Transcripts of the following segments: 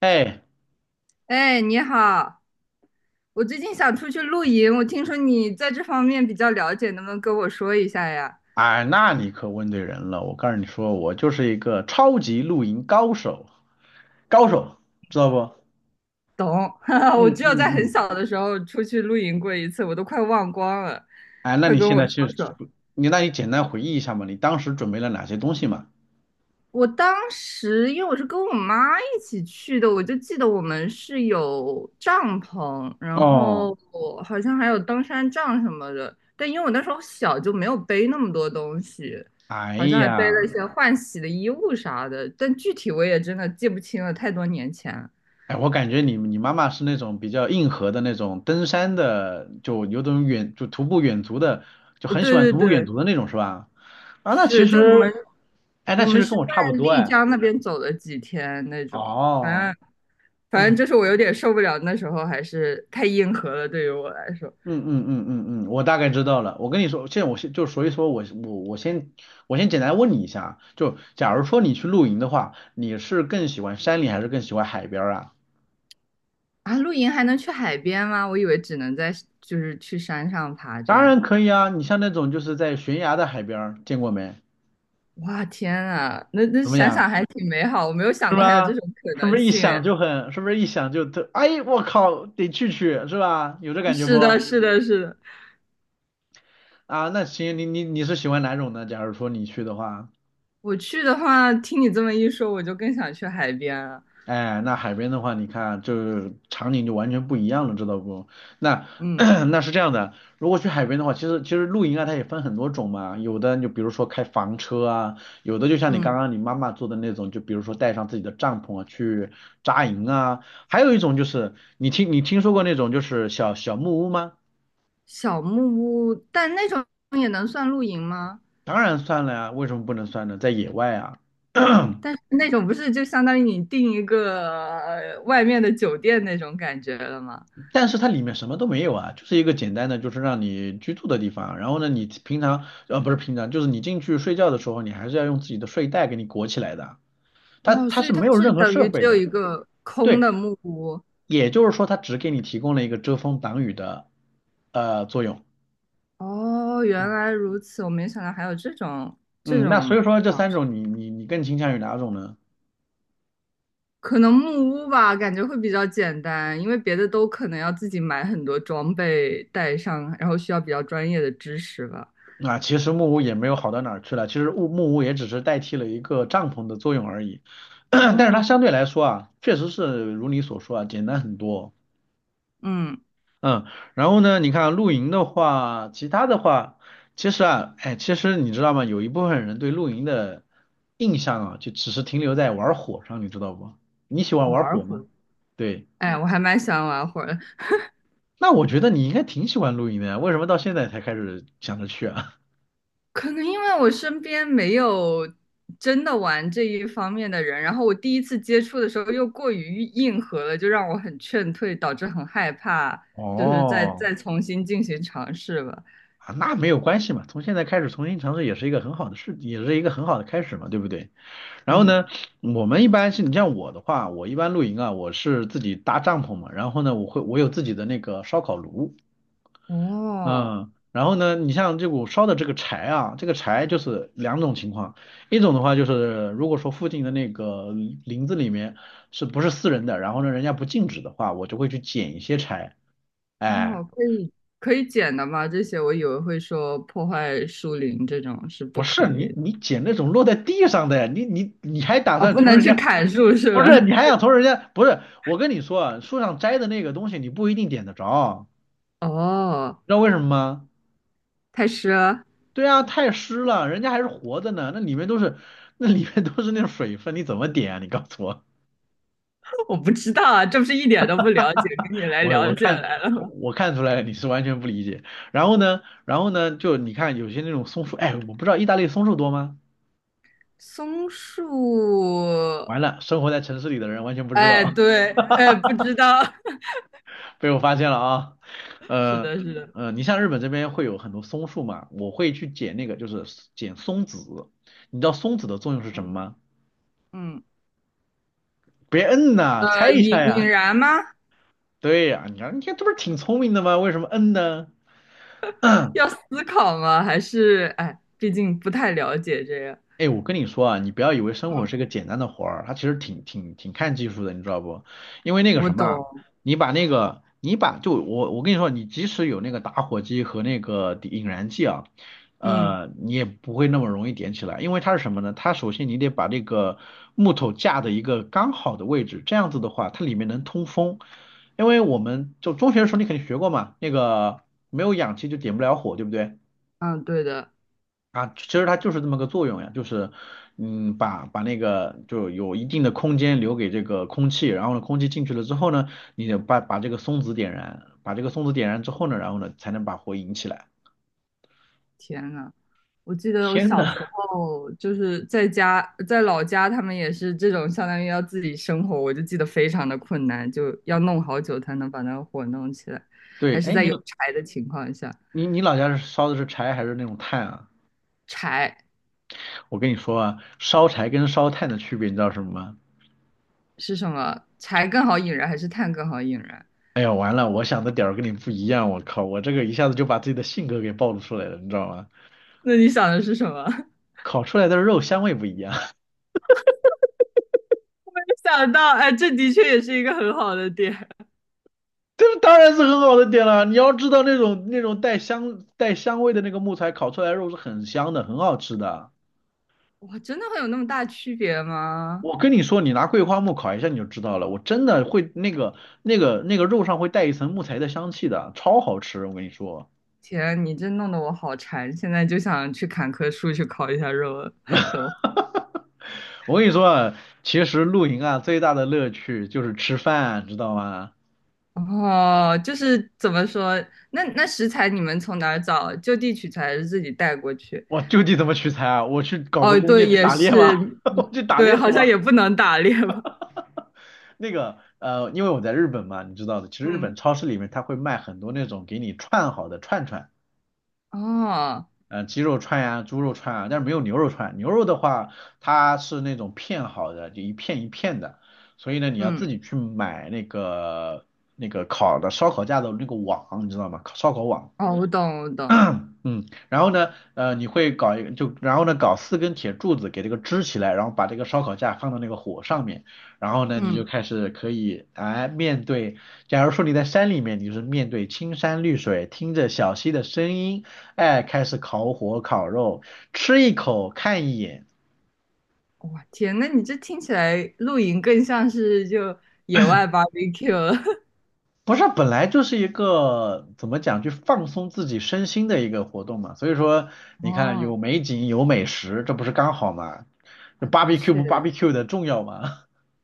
哎，哎，你好，我最近想出去露营，我听说你在这方面比较了解，能不能跟我说一下呀？哎，那你可问对人了。我告诉你说，我就是一个超级露营高手，高手，知道不？懂，嗯我只有在嗯很嗯。小的时候出去露营过一次，我都快忘光了，哎，那快你跟现我在说去，说。你简单回忆一下嘛，你当时准备了哪些东西嘛？我当时因为我是跟我妈一起去的，我就记得我们是有帐篷，然哦，后我好像还有登山杖什么的。但因为我那时候小，就没有背那么多东西，哎好像还背了一呀，些换洗的衣物啥的。但具体我也真的记不清了，太多年前了。哎，我感觉你妈妈是那种比较硬核的那种登山的，就有种徒步远足的，就很喜欢对对徒步远对，足的那种是吧？啊，那其是，就我们实，哎，我那其们实是跟我差不在多丽哎。江那边走了几天那种。哦。反正反正就是我有点受不了，那时候还是太硬核了，对于我来说。嗯嗯嗯嗯嗯，我大概知道了。我跟你说，现在我先就所以说我先简单问你一下啊，就假如说你去露营的话，你是更喜欢山里还是更喜欢海边儿啊？啊，露营还能去海边吗？我以为只能在，就是去山上爬这当然样。可以啊，你像那种就是在悬崖的海边儿见过没？哇，天啊，那怎么想样？想还挺美好，我没有想是过还有这吧？种可是不能是一性想诶。就很，是不是一想就特，哎，我靠，得去去，是吧？有这感觉不？是的，是的，是的。啊，那行，你是喜欢哪种呢？假如说你去的话。我去的话，听你这么一说，我就更想去海边了。哎，那海边的话，你看，就是场景就完全不一样了，知道不？那 嗯那是这样的，如果去海边的话，其实露营啊，它也分很多种嘛，有的就比如说开房车啊，有的就像你刚嗯。刚你妈妈做的那种，就比如说带上自己的帐篷啊去扎营啊，还有一种就是你听说过那种就是小木屋吗？小木屋，但那种也能算露营吗？当然算了呀，为什么不能算呢？在野外啊。但是那种不是就相当于你订一个外面的酒店那种感觉了吗？但是它里面什么都没有啊，就是一个简单的，就是让你居住的地方。然后呢，你平常不是平常，就是你进去睡觉的时候，你还是要用自己的睡袋给你裹起来的。它哦，它所以是它没有是任何等设于只备有的，一个空对，的木屋。也就是说它只给你提供了一个遮风挡雨的作用。哦，原来如此，我没想到还有这种这嗯，那种，所以说这啊，三种你更倾向于哪种呢？可能木屋吧，感觉会比较简单，因为别的都可能要自己买很多装备带上，然后需要比较专业的知识吧。啊，其实木屋也没有好到哪儿去了，其实木屋也只是代替了一个帐篷的作用而已。但是它哦，相对来说啊，确实是如你所说啊，简单很多。嗯，嗯，然后呢，你看露营的话，其他的话，其实啊，哎，其实你知道吗？有一部分人对露营的印象啊，就只是停留在玩火上，你知道不？你喜欢玩玩儿火吗？火，对，哎，我还蛮喜欢玩会的。那我觉得你应该挺喜欢露营的呀，为什么到现在才开始想着去啊？可能因为我身边没有真的玩这一方面的人，然后我第一次接触的时候又过于硬核了，就让我很劝退，导致很害怕，就是再哦，再重新进行尝试吧。啊，那没有关系嘛，从现在开始重新尝试也是一个很好的事，也是一个很好的开始嘛，对不对？然后嗯，呢，我们一般是你像我的话，我一般露营啊，我是自己搭帐篷嘛，然后呢，我有自己的那个烧烤炉，哦嗯，然后呢，你像这股烧的这个柴啊，这个柴就是两种情况，一种的话就是如果说附近的那个林子里面是不是私人的，然后呢人家不禁止的话，我就会去捡一些柴，哎，哦，可以剪的吗？这些我以为会说破坏树林这种是不不是可以你的。你捡那种落在地上的，你还打哦，算不从能人去家砍树是不吧？是，你还想从人家？不是，我跟你说啊，树上摘的那个东西你不一定点得着，哦，知道为什么吗？太师。对啊，太湿了，人家还是活着呢，那里面都是那种水分，你怎么点啊？你告诉我，我不知道啊，这不是一点都不了解，跟你来我了我解看来了我吗？我看出来了，你是完全不理解。然后呢，就你看有些那种松树，哎，我不知道意大利松树多吗？松树，完了，生活在城市里的人完全不知哎，道。对，哎，不知道。被我发现了啊，是呃的，是的，你像日本这边会有很多松树嘛，我会去捡那个，就是捡松子。你知道松子的作用是什么吗？嗯，别摁呐，猜一下引引呀。燃吗？对呀，你看你看，这不是挺聪明的吗？为什么摁呢？要思考吗？还是哎，毕竟不太了解这个。哎，我跟你说啊，你不要以为生活是嗯，个简单的活儿，它其实挺看技术的，你知道不？因为那个我什么啊，懂，你把那个，你把就我跟你说，你即使有那个打火机和那个引燃剂啊，嗯你也不会那么容易点起来，因为它是什么呢？它首先你得把这个木头架的一个刚好的位置，这样子的话，它里面能通风，因为我们就中学的时候你肯定学过嘛，那个没有氧气就点不了火，对不对？嗯，对的。啊，其实它就是这么个作用呀，就是，嗯，把那个就有一定的空间留给这个空气，然后呢，空气进去了之后呢，你得把这个松子点燃，把这个松子点燃之后呢，然后呢，才能把火引起来。天呐，我记得我天小呐，时候就是在家，在老家，他们也是这种，相当于要自己生火，我就记得非常的困难，就要弄好久才能把那个火弄起来，对，还是哎，在你有柴的情况下。你你老家是烧的是柴还是那种炭啊？柴。我跟你说啊，烧柴跟烧炭的区别你知道是什么吗？是什么？柴更好引燃还是炭更好引燃？哎呀，完了，我想的点儿跟你不一样，我靠，我这个一下子就把自己的性格给暴露出来了，你知道吗？那你想的是什么？没烤出来的肉香味不一样。想到，哎，这的确也是一个很好的点。这当然是很好的点了。你要知道那种带香味的那个木材烤出来的肉是很香的，很好吃的。哇，真的会有那么大区别吗？我跟你说，你拿桂花木烤一下你就知道了，我真的会那个肉上会带一层木材的香气的，超好吃。我跟你说，天，你这弄得我好馋，现在就想去砍棵树去烤一下肉了都。我跟你说啊，其实露营啊最大的乐趣就是吃饭，知道吗？哦，就是怎么说？那食材你们从哪儿找？就地取材还是自己带过去？我就地怎么取材啊？我去搞个哦，弓对，箭去也打猎吗？是。我去打对，猎是好像吗？也不能打猎吧？那个因为我在日本嘛，你知道的，其实日本嗯，超市里面它会卖很多那种给你串好的串串，哦，鸡肉串呀、猪肉串啊，但是没有牛肉串。牛肉的话，它是那种片好的，就一片一片的，所以呢，你要嗯，自己去买那个烤的烧烤架的那个网，你知道吗？烤烧烤网。哦，我懂，我懂。嗯，然后呢，你会搞一个，就然后呢，搞四根铁柱子给这个支起来，然后把这个烧烤架放到那个火上面，然后呢，你就嗯，开始可以哎面对，假如说你在山里面，你就是面对青山绿水，听着小溪的声音，哎，开始烤火烤肉，吃一口看一眼。哇天，那你这听起来露营更像是就野外 barbecue 了。不是，本来就是一个怎么讲，就放松自己身心的一个活动嘛。所以说，你看哦，有美景有美食，这不是刚好嘛？就 啊的 barbecue 确。不 barbecue 的重要嘛？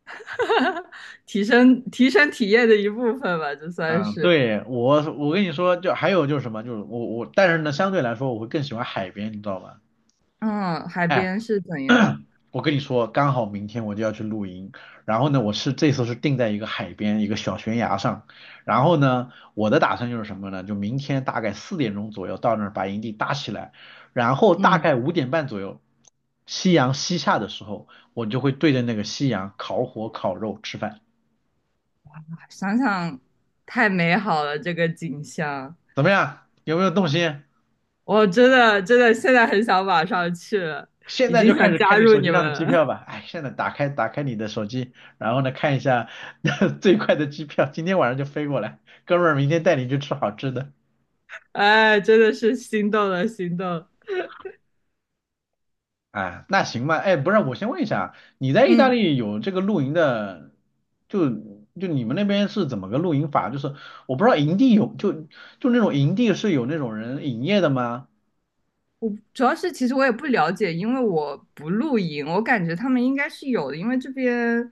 提升提升体验的一部分吧，这 算嗯，是。对，我跟你说，就还有就是什么，就是我我，但是呢，相对来说我会更喜欢海边，你知道吗？嗯，海哎边是怎样？我跟你说，刚好明天我就要去露营，然后呢，这次是定在一个海边一个小悬崖上，然后呢，我的打算就是什么呢？就明天大概4点钟左右到那儿把营地搭起来，然后大嗯，概5点半左右，夕阳西下的时候，我就会对着那个夕阳烤火烤肉吃饭，想想太美好了，这个景象。怎么样？有没有动心？我真的真的现在很想马上去了，现已在经就开想始加看你入手你机们上的机票了。吧。哎，现在打开你的手机，然后呢看一下 最快的机票，今天晚上就飞过来。哥们儿，明天带你去吃好吃的。哎，真的是心动了，心动了啊，那行吧。哎，不是，我先问一下啊，你在意大嗯。利有这个露营的，就你们那边是怎么个露营法？就是我不知道营地有就就那种营地是有那种人营业的吗？我主要是其实我也不了解，因为我不露营，我感觉他们应该是有的，因为这边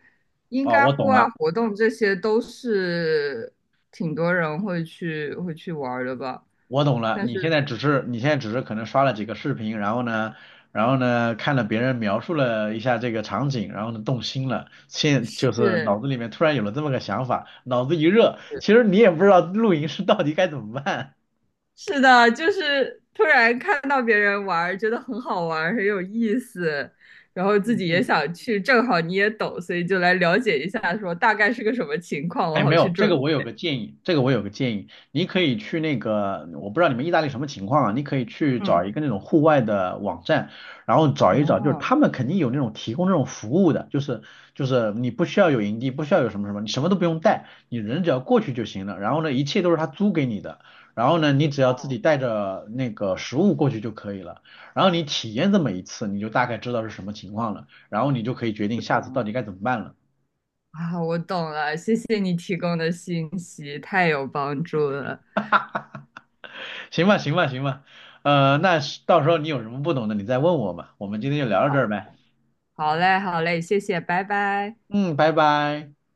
应哦，该我户懂外了。活动这些都是挺多人会去玩儿的吧。我懂了，但是你现在只是可能刷了几个视频，然后呢看了别人描述了一下这个场景，然后呢动心了，就是是脑子里面突然有了这么个想法，脑子一热，其实你也不知道露营是到底该怎么办。是的，就是突然看到别人玩儿，觉得很好玩儿，很有意思，然后 自嗯己也嗯。想去，正好你也懂，所以就来了解一下，说大概是个什么情况，我哎，没好去有，准备。这个我有个建议，你可以去那个，我不知道你们意大利什么情况啊，你可以去找嗯，一个那种户外的网站，然后找一找，就是哦，他们肯定有那种提供这种服务的，就是你不需要有营地，不需要有什么什么，你什么都不用带，你人只要过去就行了，然后呢，一切都是他租给你的，然后呢，你只要我自己带着那个食物过去就可以了，然后你体验这么一次，你就大概知道是什么情况了，然后你就可以决定不下次懂到底啊。该怎么办了。啊，我懂了，谢谢你提供的信息，太有帮助了。行吧，行吧，行吧，那是到时候你有什么不懂的，你再问我嘛。我们今天就聊到这好，儿呗。好嘞，好嘞，谢谢，拜拜。嗯，拜拜。